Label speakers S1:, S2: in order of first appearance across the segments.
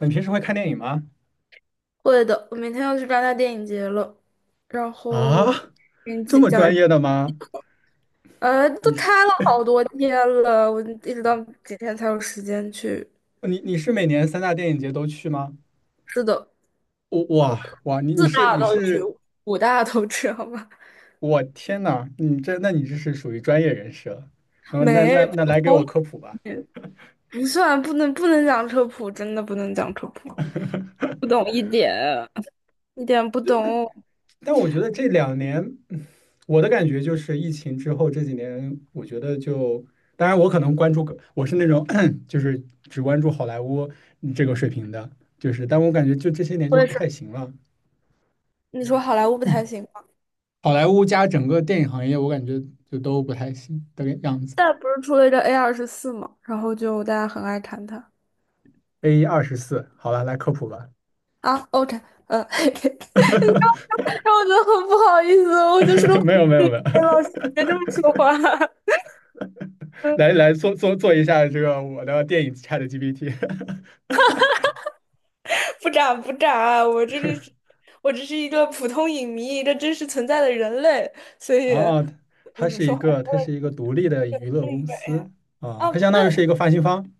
S1: 你平时会看电影吗？
S2: 会的，我明天要去戛纳电影节了，然后
S1: 啊，
S2: 给你
S1: 这
S2: 讲
S1: 么
S2: 讲一
S1: 专
S2: 下
S1: 业的吗？
S2: 都
S1: 你
S2: 开
S1: 是
S2: 了好多天了，我一直到几天才有时间去。
S1: 你是每年三大电影节都去吗？
S2: 是的，
S1: 我
S2: 我
S1: 哇哇，你你
S2: 四
S1: 是
S2: 大
S1: 你
S2: 都去，
S1: 是，
S2: 五大都去，好吗？
S1: 我天呐，你这是属于专业人士了。然后那
S2: 没，
S1: 那那
S2: 普
S1: 来给我
S2: 通
S1: 科普吧。
S2: 没不算，不能讲科普，真的不能讲科普，不懂一点，一点不懂。
S1: 但我觉得这两年，嗯我的感觉就是疫情之后这几年，我觉得就，当然我可能关注个我是那种 就是只关注好莱坞这个水平的，就是，但我感觉就这些年
S2: 我
S1: 就
S2: 也
S1: 不
S2: 是，
S1: 太行了。
S2: 你说好莱坞不太行吗？
S1: 好莱坞加整个电影行业，我感觉就都不太行的样子。
S2: 现在不是出了一个 A24嘛，然后就大家很爱谈它
S1: A 二十四，好了，来科普吧。
S2: 啊。OK，你知道 然后我觉得很不好意思，我就是个
S1: 没有没有没有。
S2: 老师别这么说话。嗯，
S1: 来来做一下这个我的电影 ChatGPT。
S2: 不眨不眨，我这个是，我只是一个普通影迷，一个真实存在的人类，所 以，
S1: 啊，它
S2: 嗯，
S1: 是一
S2: 说话
S1: 个它是一个独立的娱乐
S2: 是一
S1: 公
S2: 点。哎呀，
S1: 司。啊，
S2: 啊，
S1: 它相
S2: 对，
S1: 当于是一个发行方。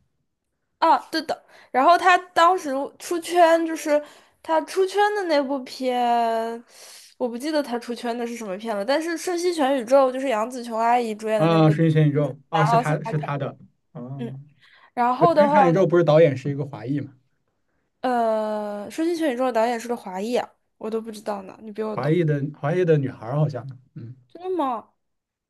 S2: 啊，对的。然后他当时出圈，就是他出圈的那部片，我不记得他出圈的是什么片了，但是《瞬息全宇宙》就是杨紫琼阿姨主演的那
S1: 啊，
S2: 部，
S1: 《瞬息全宇宙》，
S2: 然
S1: 哦，是
S2: 后是，
S1: 它是它的
S2: 嗯，
S1: 哦，
S2: 然
S1: 对，
S2: 后
S1: 《瞬
S2: 的
S1: 息
S2: 话。
S1: 全宇宙》不是导演是一个华裔嘛，
S2: 《说进全宇宙》的导演是个华裔啊，我都不知道呢，你比我
S1: 华
S2: 懂。
S1: 裔的华裔的女孩好像。嗯，
S2: 真的吗？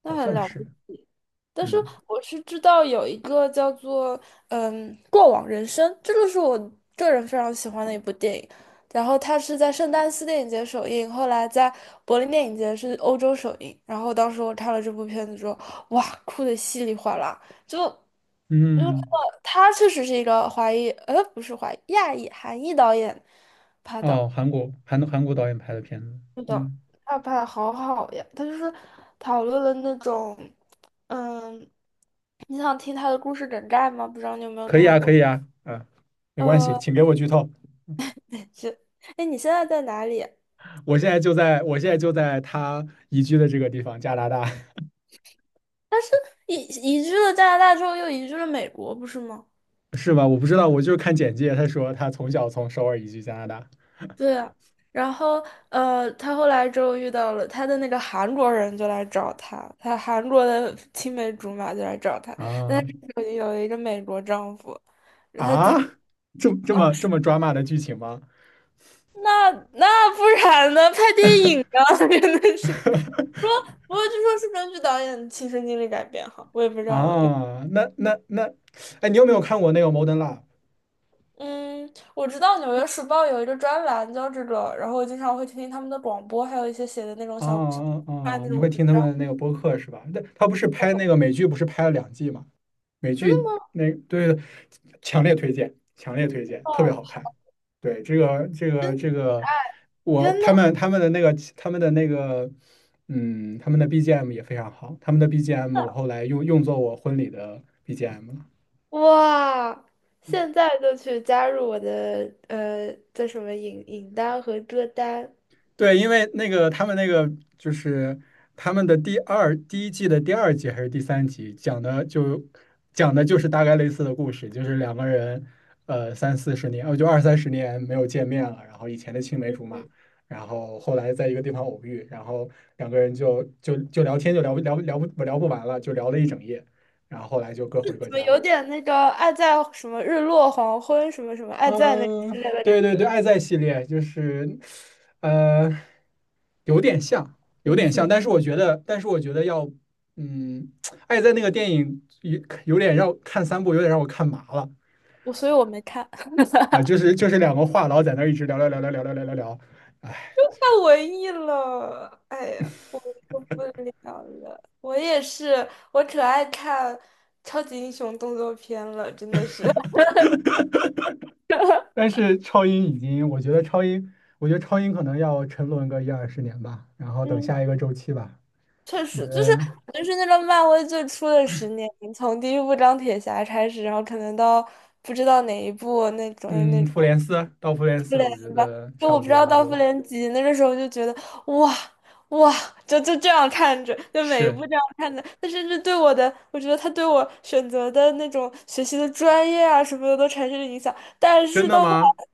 S2: 那
S1: 好
S2: 很
S1: 像
S2: 了不
S1: 是，
S2: 起。但是
S1: 嗯
S2: 我是知道有一个叫做《过往人生》，这个是我个人非常喜欢的一部电影。然后它是在圣丹斯电影节首映，后来在柏林电影节是欧洲首映。然后当时我看了这部片子之后，哇，哭的稀里哗啦，就就知道
S1: 嗯。
S2: 他确实是一个华裔，不是华裔，亚裔、韩裔导演拍的。
S1: 哦，韩国韩国导演拍的片子。
S2: 是的，
S1: 嗯，
S2: 他拍的好好呀，他就是讨论了那种，嗯，你想听他的故事梗概吗？不知道你有没有
S1: 可以
S2: 看
S1: 啊，可
S2: 过？
S1: 以啊，啊，没关系，
S2: 呃，
S1: 请给我剧透。
S2: 是，哎，你现在在哪里？
S1: 我现在就在他移居的这个地方，加拿大。
S2: 移移居了加拿大之后，又移居了美国，不是吗？
S1: 是吧？我不知道，我就是看简介，他说他从小从首尔移居加拿大。
S2: 对啊，然后他后来之后遇到了他的那个韩国人，就来找他，他韩国的青梅竹马就来找他，
S1: 啊
S2: 有一个美国丈夫，他自
S1: 啊，
S2: 己。
S1: 这么抓马的剧情吗？
S2: 那不然呢？拍电影啊，真的是。不过 不过，据说是根据导演亲身经历改编哈，我也不知道有。
S1: 啊，那，哎，你有没有看过那个《Modern Love》?
S2: 嗯，我知道《纽约时报》有一个专栏叫这个，然后我经常会听听他们的广播，还有一些写的那种
S1: 哦哦
S2: 看
S1: 哦，
S2: 那
S1: 你
S2: 种
S1: 会听
S2: 文
S1: 他
S2: 章。
S1: 们那个播客是吧？那他不是
S2: 哦，
S1: 拍那个美剧，不是拍了两季吗？美
S2: 真
S1: 剧
S2: 的吗？
S1: 那，对对，强烈推荐，强烈推荐，特别
S2: 哇
S1: 好看。对，
S2: 天
S1: 我
S2: 呐！
S1: 他们他们的那个他们的那个，嗯，他们的 BGM 也非常好，他们的 BGM 我后来用作我婚礼的 BGM。
S2: 哇，现在就去加入我的叫什么影单和歌单。
S1: 对，因为那个他们那个就是他们的第一季的第二集还是第三集，讲的就是大概类似的故事，就是两个人呃三四十年，呃就二三十年没有见面了，然后以前的青梅竹马，然后后来在一个地方偶遇，然后两个人就聊天就聊不完了，就聊了一整夜，然后后来就各回各
S2: 怎么
S1: 家了。
S2: 有点那个爱在什么日落黄昏什么什么爱在那个之
S1: 嗯，
S2: 类的
S1: 对
S2: 感
S1: 对
S2: 觉，
S1: 对，爱在系列就是，呃，有点像，有
S2: 神
S1: 点
S2: 奇。
S1: 像，但是我觉得，但是我觉得要，嗯，爱在那个电影有点让我看三部，有点让我看麻了。
S2: 所以我没看 太
S1: 啊，就是两个话痨在那儿一直聊，哎，
S2: 文艺了，哎呀，我受不了了。我也是，我可爱看超级英雄动作片了，真的是。
S1: 但是超英已经，我觉得超英，我觉得超英可能要沉沦个一二十年吧，然后等
S2: 嗯，
S1: 下一个周期吧。
S2: 确
S1: 我觉
S2: 实，就是
S1: 得，
S2: 就是那个漫威最初的10年，从第一部钢铁侠开始，然后可能到不知道哪一部那种那
S1: 嗯，
S2: 种。
S1: 复联
S2: 复
S1: 四，
S2: 联
S1: 我觉
S2: 吧，
S1: 得
S2: 就
S1: 差
S2: 我
S1: 不
S2: 不知
S1: 多
S2: 道
S1: 了
S2: 到复
S1: 就，
S2: 联几，那个时候就觉得哇哇，就这样看着，就每一
S1: 是
S2: 部这样看着，他甚至对我的，我觉得他对我选择的那种学习的专业啊什么的都产生了影响。但
S1: 真
S2: 是
S1: 的
S2: 到后
S1: 吗？
S2: 来，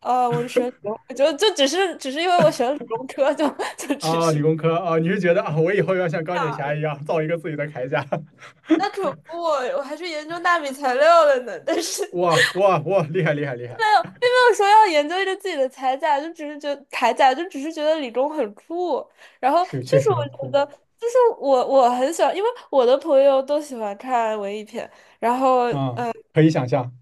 S2: 我就选理工，我就只是因为我选了理工科，就 就只
S1: 啊，理
S2: 是
S1: 工科啊，你是觉得啊，我以后要像钢铁侠一样造一个自己的铠甲？
S2: 那可 不我还去研究纳米材料了呢，但是。
S1: 哇哇哇，厉害厉害厉害！
S2: 有说要研究一个自己的铠甲，就只是觉得铠甲，就只是觉得李忠很酷。然后
S1: 是，
S2: 就
S1: 确
S2: 是
S1: 实很
S2: 我觉
S1: 酷。
S2: 得，就是我很喜欢，因为我的朋友都喜欢看文艺片。然后
S1: 啊，可以想象，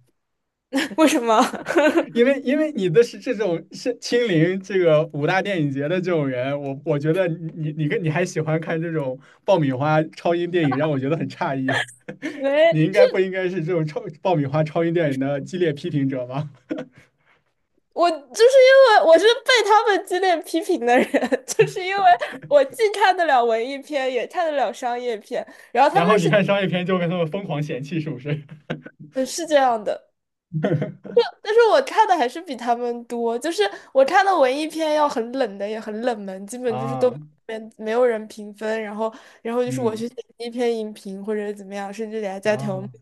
S2: 为什么？
S1: 因为你的是这种是亲临这个五大电影节的这种人，我觉得你还喜欢看这种爆米花超英电影，让我觉得很诧异。
S2: 没，
S1: 你应
S2: 是
S1: 该不应该是这种超爆米花超英电影的激烈批评者吧？
S2: 我就是因为我是被他们激烈批评的人，就是因为我既看得了文艺片，也看得了商业片。然后他
S1: 然后
S2: 们
S1: 你
S2: 是
S1: 看商业片就跟他们疯狂嫌弃，是不是？
S2: 这样的，但是我看的还是比他们多，就是我看的文艺片要很冷的，也很冷门，基 本就是都
S1: 啊，
S2: 没有人评分，然后就是我
S1: 嗯，
S2: 去写一篇影评或者怎么样，甚至给他加条目。
S1: 啊。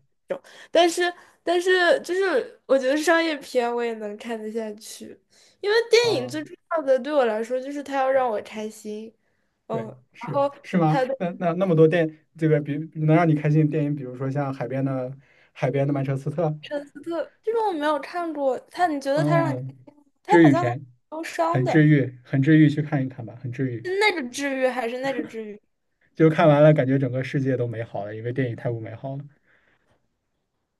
S2: 但是但是就是我觉得商业片我也能看得下去，因为电影
S1: 啊，
S2: 最重要的对我来说就是它要让我开心，嗯，
S1: 对，
S2: 然
S1: 是
S2: 后
S1: 是吗？
S2: 还有
S1: 那那那么多电，这个比能让你开心的电影，比如说像海边的海边的曼彻斯特。
S2: 圣斯特这个我没有看过，他你觉得他让你，
S1: 嗯，
S2: 他
S1: 治
S2: 好
S1: 愈
S2: 像还挺
S1: 片，
S2: 忧伤
S1: 很治
S2: 的，
S1: 愈，很治愈，去看一看吧，很治愈。
S2: 是那个治愈还是那个治愈？
S1: 就看完了，感觉整个世界都美好了，因为电影太不美好了。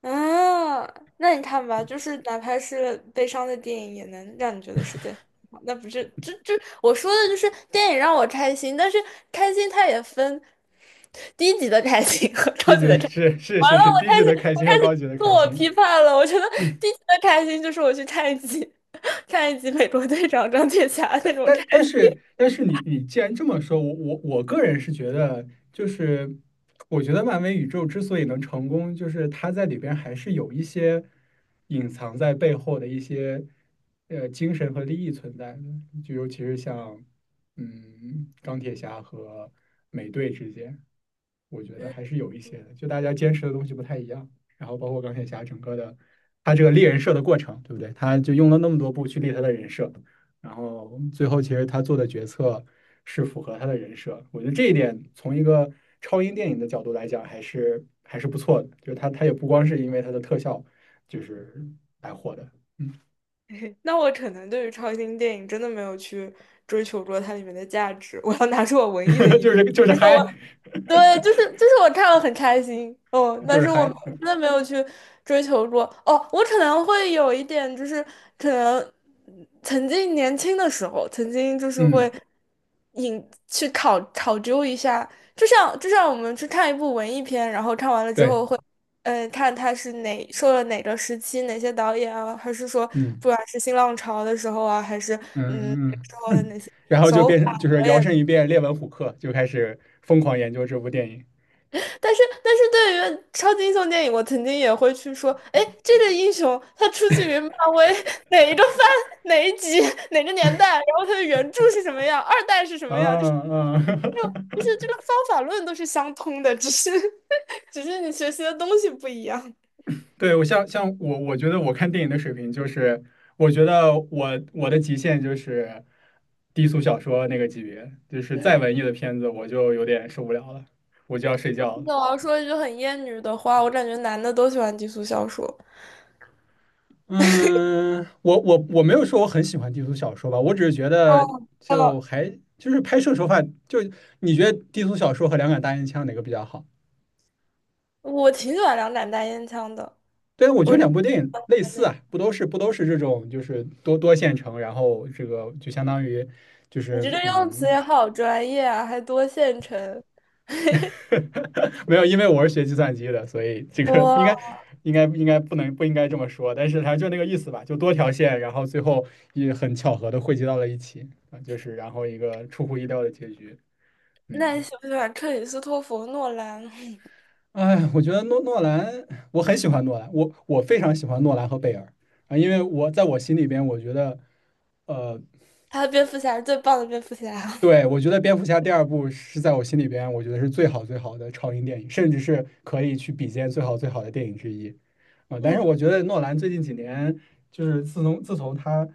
S2: 啊，那你看吧，就是哪怕是悲伤的电影，也能让你觉得世界很好。那不是，这我说的就是电影让我开心，但是开心它也分低级的开心和 超
S1: 低级
S2: 级
S1: 的
S2: 的开心。完了，
S1: 低级的开
S2: 我
S1: 心
S2: 开
S1: 和
S2: 始
S1: 高级的
S2: 自
S1: 开
S2: 我
S1: 心。
S2: 批判了。我觉得低级的开心就是我去看一集 看一集《美国队长》钢铁侠
S1: 但
S2: 那种开
S1: 但但
S2: 心。
S1: 是但是你既然这么说，我个人是觉得，就是我觉得漫威宇宙之所以能成功，就是它在里边还是有一些隐藏在背后的一些呃精神和利益存在的，就尤其是像嗯钢铁侠和美队之间，我觉得
S2: 嗯
S1: 还是有一些的，就大家坚持的东西不太一样，然后包括钢铁侠整个的他这个立人设的过程，对不对？他就用了那么多部去立他的人设。然后最后其实他做的决策是符合他的人设，我觉得这一点从一个超英电影的角度来讲还是不错的，就是他也不光是因为他的特效就是来火的。
S2: 那我可能对于超新星电影真的没有去追求过它里面的价值，我要拿出我文艺的一 面。
S1: 就是
S2: 但是我
S1: 嗨，
S2: 对，就是我看了很开心，嗯，
S1: 就
S2: 但
S1: 是
S2: 是我
S1: 嗨，
S2: 真的没有去追求过。哦，我可能会有一点，就是可能曾经年轻的时候，曾经就是会
S1: 嗯，
S2: 引去考究一下，就像我们去看一部文艺片，然后看完了之
S1: 对，
S2: 后会，嗯，看它是哪受了哪个时期哪些导演啊，还是说
S1: 嗯
S2: 不管是新浪潮的时候啊，还是
S1: 嗯
S2: 嗯那个
S1: 嗯
S2: 时候的
S1: 嗯，
S2: 那些
S1: 然后就
S2: 手
S1: 变
S2: 法。
S1: 成就是
S2: 导
S1: 摇
S2: 演。
S1: 身一变列文虎克，就开始疯狂研究这部电影
S2: 但是对于超级英雄电影，我曾经也会去说，哎，这个英雄他出自于漫威哪一个番、哪一集、哪个年代，然后他的原著是什么样，二代是什
S1: 啊
S2: 么样，就是
S1: 啊。
S2: 这种就是这个 方法论都是相通的，只是 只是你学习的东西不一样。
S1: 对，我像像我，我觉得我看电影的水平就是，我觉得我的极限就是低俗小说那个级别，就是再文艺的片子我就有点受不了了，我就要睡觉了。
S2: 那我要说一句很厌女的话，我感觉男的都喜欢低俗小说。
S1: 嗯，我没有说我很喜欢低俗小说吧，我只是觉
S2: 哦，
S1: 得就
S2: 哦，
S1: 还就是拍摄手法，就你觉得低俗小说和两杆大烟枪哪个比较好？
S2: 我挺喜欢两盏大烟枪的，
S1: 对啊，我觉
S2: 我
S1: 得
S2: 真
S1: 两部电影类似
S2: 的，
S1: 啊，不都是这种就是多线程，然后这个就相当于就
S2: 你
S1: 是
S2: 这个用词
S1: 嗯。
S2: 也好专业啊，还多线程。
S1: 没有，因为我是学计算机的，所以这个应该不应该这么说，但是它就那个意思吧，就多条线，然后最后也很巧合的汇集到了一起啊，就是然后一个出乎意料的结局。
S2: 那你
S1: 嗯，
S2: 喜不喜欢克里斯托弗·诺兰？
S1: 哎，我觉得诺兰，我很喜欢诺兰，我非常喜欢诺兰和贝尔啊，因为我在我心里边，我觉得呃
S2: 他的蝙蝠侠是最棒的蝙蝠侠。
S1: 对，我觉得蝙蝠侠第二部是在我心里边，我觉得是最好最好的超英电影，甚至是可以去比肩最好最好的电影之一。啊、但是
S2: 嗯，
S1: 我觉得诺兰最近几年，就是自从他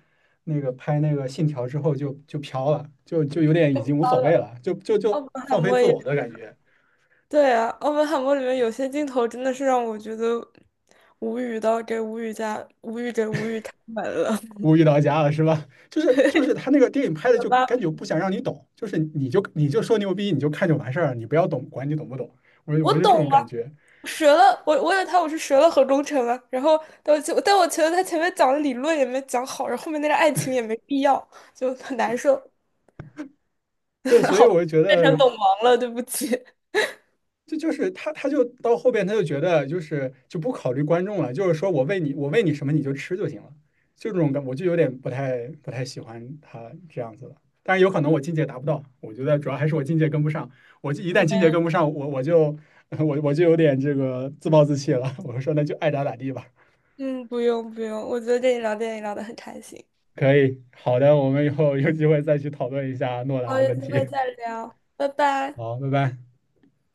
S1: 那个拍那个《信条》之后就，就飘了，就有点已经无
S2: 好
S1: 所谓
S2: 的
S1: 了，就就
S2: 奥
S1: 就
S2: 本海
S1: 放飞
S2: 默
S1: 自
S2: 也
S1: 我的感觉，
S2: 对啊，奥本海默里面有些镜头真的是让我觉得无语到给无语加无语给无语开门了，
S1: 无语到家了是吧？就是他那个电影拍 的
S2: 对
S1: 就
S2: 吧？
S1: 感觉不想让你懂，就是你就说牛逼，你就看就完事儿了，你不要懂，管你懂不懂。我
S2: 我
S1: 就这
S2: 懂
S1: 种
S2: 啊，
S1: 感觉。
S2: 折了，我以为他我是折了何忠诚了。然后但我觉得他前面讲的理论也没讲好，然后后面那个爱情也没必要，就很难受。
S1: 对，所以
S2: 好吧
S1: 我就觉
S2: 变
S1: 得。
S2: 成本王了，对不起。
S1: 这就是他，他就到后边他就觉得就是就不考虑观众了，就是说我喂你，我喂你什么你就吃就行了，就这种感，我就有点不太喜欢他这样子了。但然有可能我境界达不到，我觉得主要还是我境界跟不上。我就一旦境界跟不上，我就 我就有点这个自暴自弃了。我说那就爱咋咋地吧。
S2: 嗯，不用不用，我觉得跟你聊电影聊得很开心。
S1: 可以，好的，我们以后有机会再去讨论一下诺兰
S2: 好，
S1: 的
S2: 有
S1: 问
S2: 机会
S1: 题。
S2: 再聊，拜 拜。
S1: 好，拜拜。